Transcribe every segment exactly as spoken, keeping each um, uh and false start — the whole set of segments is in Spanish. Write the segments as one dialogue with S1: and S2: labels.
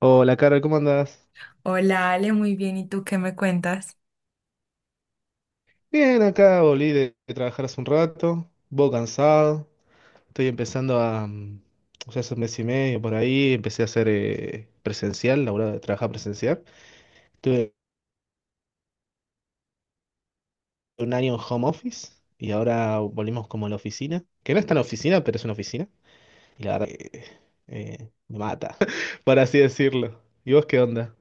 S1: Hola, Carol, ¿cómo andás?
S2: Hola Ale, muy bien. ¿Y tú qué me cuentas?
S1: Bien, acá volví de, de trabajar hace un rato, un cansado, estoy empezando a, mm, o sea, hace un mes y medio por ahí, empecé a hacer eh, presencial, laburar, de trabajar presencial. Estuve un año en home office y ahora volvimos como a la oficina, que no es tan oficina, pero es una oficina, y la verdad que eh, me mata, por así decirlo. ¿Y vos qué onda?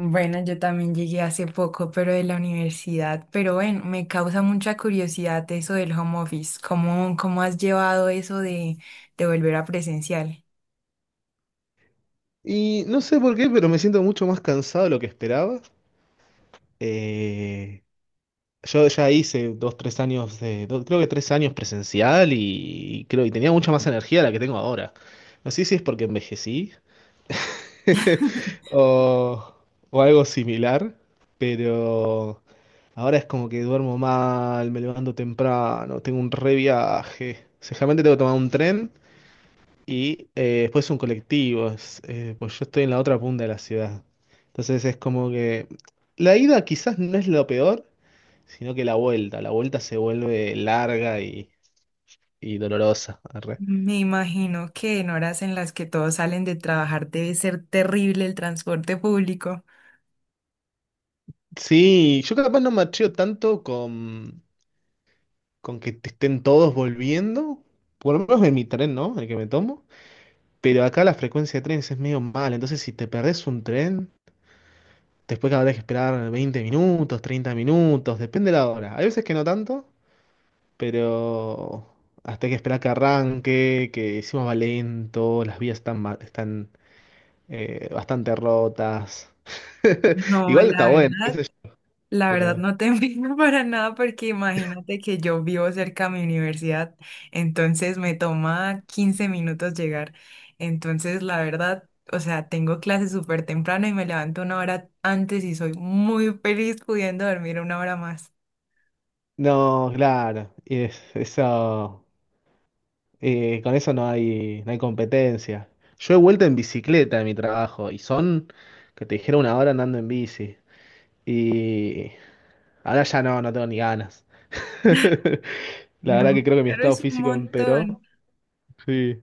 S2: Bueno, yo también llegué hace poco, pero de la universidad. Pero bueno, me causa mucha curiosidad eso del home office. ¿Cómo, cómo has llevado eso de, de volver a presencial?
S1: Y no sé por qué, pero me siento mucho más cansado de lo que esperaba. Eh, Yo ya hice dos, tres años de, do- creo que tres años presencial y, y creo y tenía mucha más energía de la que tengo ahora. No sé si es porque envejecí o, o algo similar, pero ahora es como que duermo mal, me levanto temprano, tengo un re viaje. Seguramente tengo que tomar un tren y eh, después un colectivo, es, eh, pues yo estoy en la otra punta de la ciudad. Entonces es como que la ida quizás no es lo peor, sino que la vuelta, la vuelta se vuelve larga y, y dolorosa. Arre.
S2: Me imagino que en horas en las que todos salen de trabajar debe ser terrible el transporte público.
S1: Sí, yo capaz no macheo tanto con, con que te estén todos volviendo, por lo menos en mi tren, ¿no? El que me tomo, pero acá la frecuencia de trenes es medio mal, entonces si te perdés un tren, después habrás que esperar veinte minutos, treinta minutos, depende de la hora. Hay veces que no tanto, pero... Hasta hay que esperar que arranque, que encima va lento, las vías están, ma- están eh, bastante rotas.
S2: No,
S1: Igual está
S2: la
S1: bueno, qué
S2: verdad,
S1: sé yo,
S2: la verdad
S1: pero...
S2: no te envidio para nada porque imagínate que yo vivo cerca de mi universidad, entonces me toma quince minutos llegar. Entonces, la verdad, o sea, tengo clases súper temprano y me levanto una hora antes y soy muy feliz pudiendo dormir una hora más.
S1: No, claro, y es- eso, eh, con eso no hay, no hay competencia. Yo he vuelto en bicicleta de mi trabajo y son, que te dijera, una hora andando en bici. Y ahora ya no, no tengo ni ganas. La
S2: No,
S1: verdad que creo que mi
S2: pero
S1: estado
S2: es un
S1: físico empeoró.
S2: montón.
S1: Sí.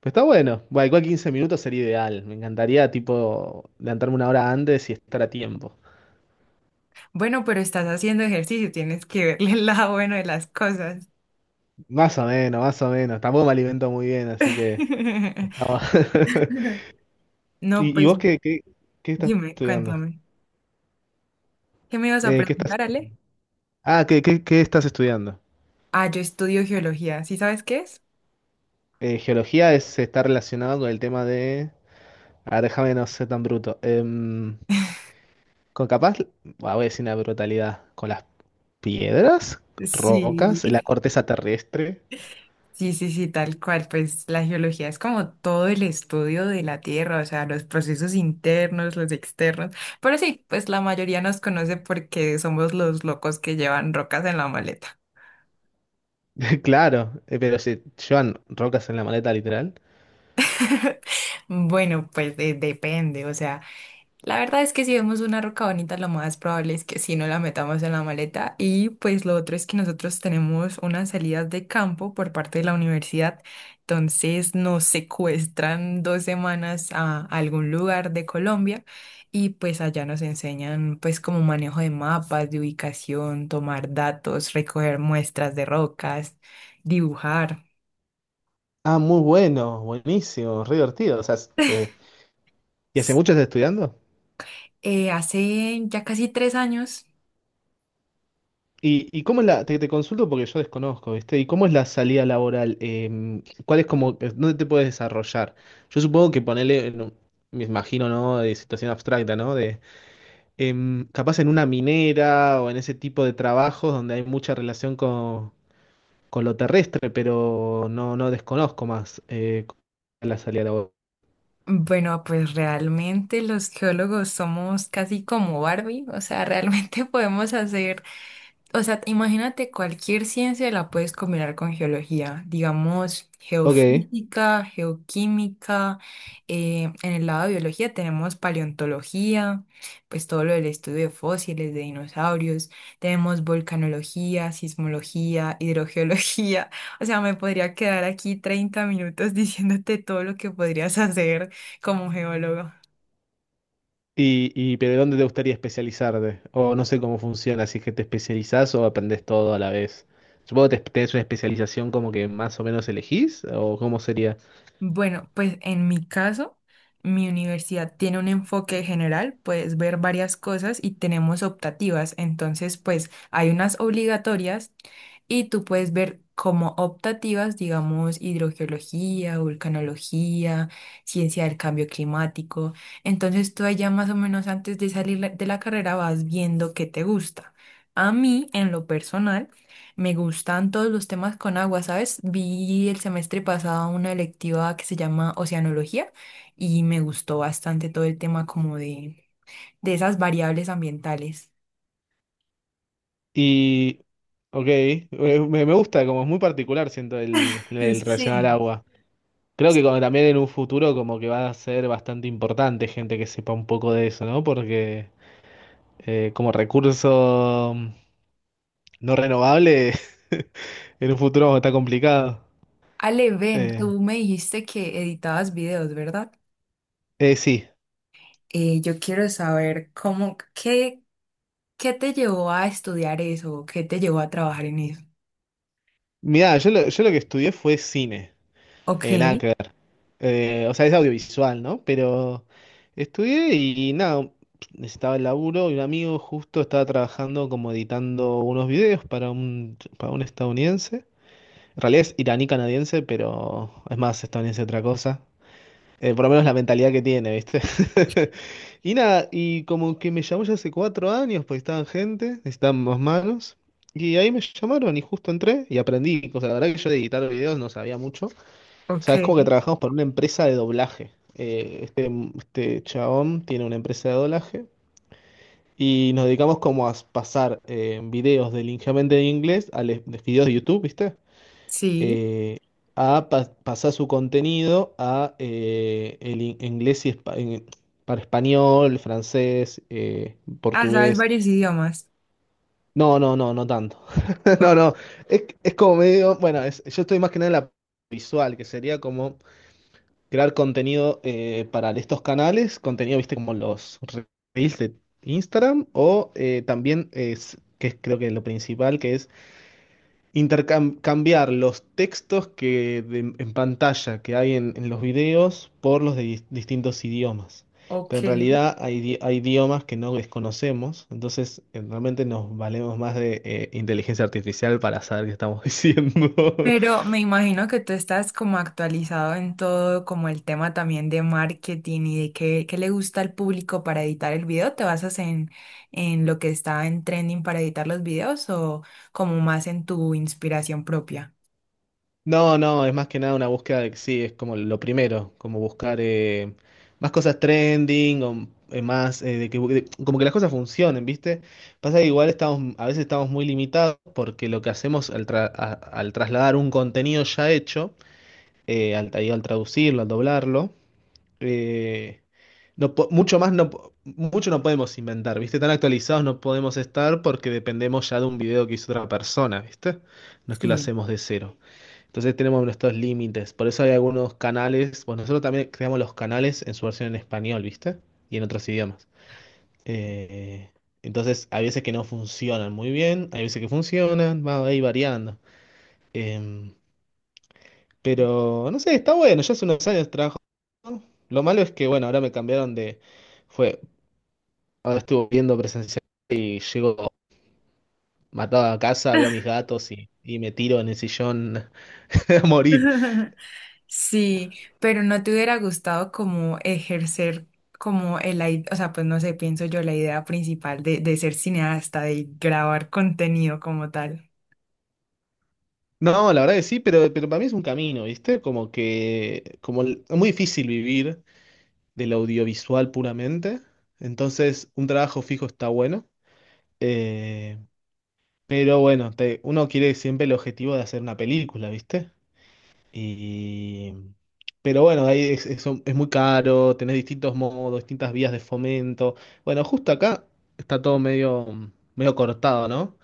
S1: Pero está bueno. Bueno, igual 15 minutos sería ideal. Me encantaría, tipo, levantarme una hora antes y estar a tiempo.
S2: Bueno, pero estás haciendo ejercicio, tienes que verle el lado bueno de las cosas.
S1: Más o menos, más o menos. Tampoco me alimento muy bien, así que estamos.
S2: No,
S1: ¿Y, y
S2: pues
S1: vos qué, qué, qué estás
S2: dime,
S1: estudiando?
S2: cuéntame. ¿Qué me ibas a
S1: Eh, ¿qué estás...
S2: preguntar, Ale?
S1: Ah, ¿qué, qué, qué estás estudiando?
S2: Ah, yo estudio geología, ¿sí sabes qué es?
S1: Eh, geología es, está relacionado con el tema de... A ver, déjame no ser tan bruto. Em, con capaz, bah, voy a decir una brutalidad. ¿Con las piedras? ¿Rocas? ¿La
S2: Sí,
S1: corteza terrestre?
S2: sí, sí, sí, tal cual. Pues la geología es como todo el estudio de la Tierra, o sea, los procesos internos, los externos. Pero sí, pues la mayoría nos conoce porque somos los locos que llevan rocas en la maleta.
S1: Claro, eh, pero se llevan rocas en la maleta literal.
S2: Bueno, pues de- depende, o sea. La verdad es que si vemos una roca bonita, lo más probable es que sí no la metamos en la maleta. Y pues lo otro es que nosotros tenemos unas salidas de campo por parte de la universidad. Entonces nos secuestran dos semanas a algún lugar de Colombia y pues allá nos enseñan pues como manejo de mapas, de ubicación, tomar datos, recoger muestras de rocas, dibujar.
S1: Ah, muy bueno, buenísimo, re divertido. O sea, es- eh, ¿y hace mucho estás estudiando?
S2: Eh, hace ya casi tres años.
S1: ¿Y, y cómo es la, te, te consulto porque yo desconozco, ¿viste? ¿Y cómo es la salida laboral? Em, ¿cuál es como, eh, dónde te puedes desarrollar? Yo supongo que ponerle, me imagino, ¿no? De situación abstracta, ¿no? De em, capaz en una minera o en ese tipo de trabajos donde hay mucha relación con, con lo terrestre, pero no, no desconozco más eh, la salida laboral.
S2: Bueno, pues realmente los geólogos somos casi como Barbie, o sea, realmente podemos hacer, o sea, imagínate cualquier ciencia la puedes combinar con geología, digamos,
S1: Ok.
S2: geofísica, geoquímica, eh, en el lado de biología tenemos paleontología, pues todo lo del estudio de fósiles, de dinosaurios, tenemos volcanología, sismología, hidrogeología, o sea, me podría quedar aquí treinta minutos diciéndote todo lo que podrías hacer como geólogo.
S1: Y, y, pero ¿dónde te gustaría especializarte? O no sé cómo funciona, si es que te especializás o aprendes todo a la vez. Supongo que te tenés una especialización como que más o menos elegís, o cómo sería.
S2: Bueno, pues en mi caso, mi universidad tiene un enfoque general, puedes ver varias cosas y tenemos optativas. Entonces, pues hay unas obligatorias y tú puedes ver como optativas, digamos, hidrogeología, vulcanología, ciencia del cambio climático. Entonces, tú allá más o menos antes de salir la- de la carrera vas viendo qué te gusta. A mí, en lo personal, me gustan todos los temas con agua, ¿sabes? Vi el semestre pasado una electiva que se llama Oceanología y me gustó bastante todo el tema como de, de esas variables ambientales.
S1: Y, ok, eh, me, me gusta, como es muy particular, siento, el, el relacionado al
S2: Sí.
S1: agua. Creo que como también en un futuro como que va a ser bastante importante gente que sepa un poco de eso, ¿no? Porque eh, como recurso mm, no renovable, en un futuro está complicado.
S2: Ale, ven,
S1: Eh,
S2: tú me dijiste que editabas videos, ¿verdad?
S1: eh, sí.
S2: Eh, yo quiero saber cómo, qué, qué te llevó a estudiar eso, qué te llevó a trabajar en eso.
S1: Mirá, yo lo, yo lo que estudié fue cine,
S2: Ok,
S1: eh, nada que ver. Eh, o sea, es audiovisual, ¿no? Pero estudié y nada, necesitaba el laburo y un amigo justo estaba trabajando como editando unos videos para un, para un estadounidense. En realidad es iraní-canadiense, pero es más estadounidense otra cosa. Eh, por lo menos la mentalidad que tiene, ¿viste? Y nada, y como que me llamó ya hace cuatro años, pues estaban gente, necesitaban más manos. Y ahí me llamaron y justo entré y aprendí. O sea, la verdad que yo de editar videos no sabía mucho. O sea, es como que
S2: ok,
S1: trabajamos para una empresa de doblaje. Eh, este, este chabón tiene una empresa de doblaje y nos dedicamos como a pasar eh, videos del ligeramente de inglés a les- de videos de YouTube, ¿viste?
S2: sí.
S1: eh, a pa- pasar su contenido a eh, el in- inglés y espa- en- para español, francés, eh,
S2: Ah, sabes
S1: portugués.
S2: varios idiomas.
S1: No, no, no, no tanto. No,
S2: O-
S1: no. Es, es como medio, bueno, es- yo estoy más que nada en la visual, que sería como crear contenido eh, para estos canales, contenido, viste, como los reels de Instagram o eh, también es, que es creo que lo principal, que es intercambiar los textos que de- en pantalla que hay en, en los videos por los de dis- distintos idiomas. Pero
S2: ok.
S1: en realidad hay, idi- hay idiomas que no desconocemos, entonces eh, realmente nos valemos más de eh, inteligencia artificial para saber qué estamos diciendo.
S2: Pero me imagino que tú estás como actualizado en todo, como el tema también de marketing y de qué, qué le gusta al público para editar el video. ¿Te basas en, en lo que está en trending para editar los videos o como más en tu inspiración propia?
S1: No, no, es más que nada una búsqueda de, sí, es como lo primero, como buscar eh, más cosas trending o eh, más, eh, de que, de- como que las cosas funcionen, ¿viste? Pasa que igual estamos, a veces estamos muy limitados porque lo que hacemos al, tra- a- al trasladar un contenido ya hecho, eh, al, ahí al traducirlo, al doblarlo, eh, no, po- mucho más no, po- mucho no podemos inventar, ¿viste? Tan actualizados no podemos estar porque dependemos ya de un video que hizo otra persona, ¿viste? No es que lo
S2: Sí.
S1: hacemos de cero. Entonces tenemos nuestros límites. Por eso hay algunos canales. Bueno, nosotros también creamos los canales en su versión en español, ¿viste? Y en otros idiomas. Eh, entonces, hay veces que no funcionan muy bien, hay veces que funcionan, va ahí variando. Em, pero, no sé, está bueno, ya hace unos años trabajo. ¿No? Lo malo es que, bueno, ahora me cambiaron de... Fue, ahora estuve viendo presencial y llego matado a casa, veo a mis gatos y, y me tiro en el sillón a morir.
S2: Sí, pero no te hubiera gustado como ejercer como el, ai- o sea, pues no sé, pienso yo la idea principal de, de ser cineasta, de grabar contenido como tal.
S1: No, la verdad que sí, pero, pero para mí es un camino, ¿viste? Como que como el- es muy difícil vivir del audiovisual puramente, entonces un trabajo fijo está bueno, eh, pero bueno, te- uno quiere siempre el objetivo de hacer una película, ¿viste? Y, pero bueno, ahí es, es, es muy caro, tenés distintos modos, distintas vías de fomento. Bueno, justo acá está todo medio, medio cortado, ¿no?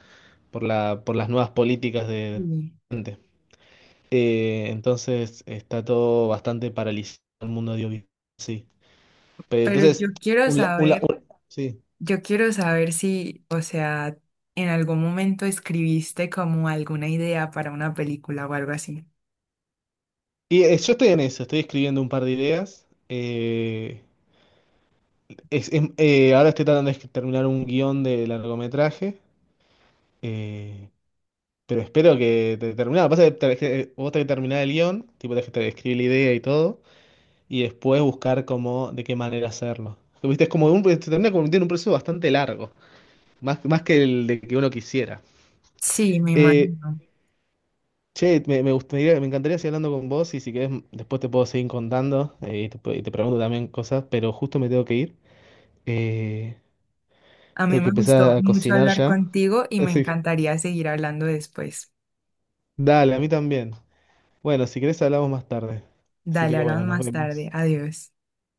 S1: Por la, por las nuevas políticas de...
S2: Sí.
S1: Eh, entonces está todo bastante paralizado el mundo audiovisual. Sí. Pero
S2: Pero
S1: entonces,
S2: yo quiero
S1: un, la- un la-
S2: saber,
S1: un- sí.
S2: yo quiero saber si, o sea, en algún momento escribiste como alguna idea para una película o algo así.
S1: Y eh, yo estoy en eso, estoy escribiendo un par de ideas. eh, es- es- eh, ahora estoy tratando de escri- terminar un guión de largometraje. eh, pero espero que te terminado. Pasa que te- que vos tenés que terminar el guión, tipo tenés que te- escribir la idea y todo, y después buscar cómo, de qué manera hacerlo. Viste, es como un, se termina convirtiendo en un proceso bastante largo, más, más que el de que uno quisiera.
S2: Sí, me
S1: Eh,
S2: imagino.
S1: Che, me, me gustaría, me encantaría seguir hablando con vos y si querés m- después te puedo seguir contando eh, y te, pu- y te pregunto también cosas, pero justo me tengo que ir. Eh,
S2: A mí
S1: tengo que
S2: me gustó
S1: empezar a
S2: mucho
S1: cocinar
S2: hablar
S1: ya.
S2: contigo y me
S1: Así, que,
S2: encantaría seguir hablando después.
S1: dale, a mí también. Bueno, si querés hablamos más tarde. Así
S2: Dale,
S1: que
S2: hablamos
S1: bueno, nos
S2: más tarde.
S1: vemos.
S2: Adiós.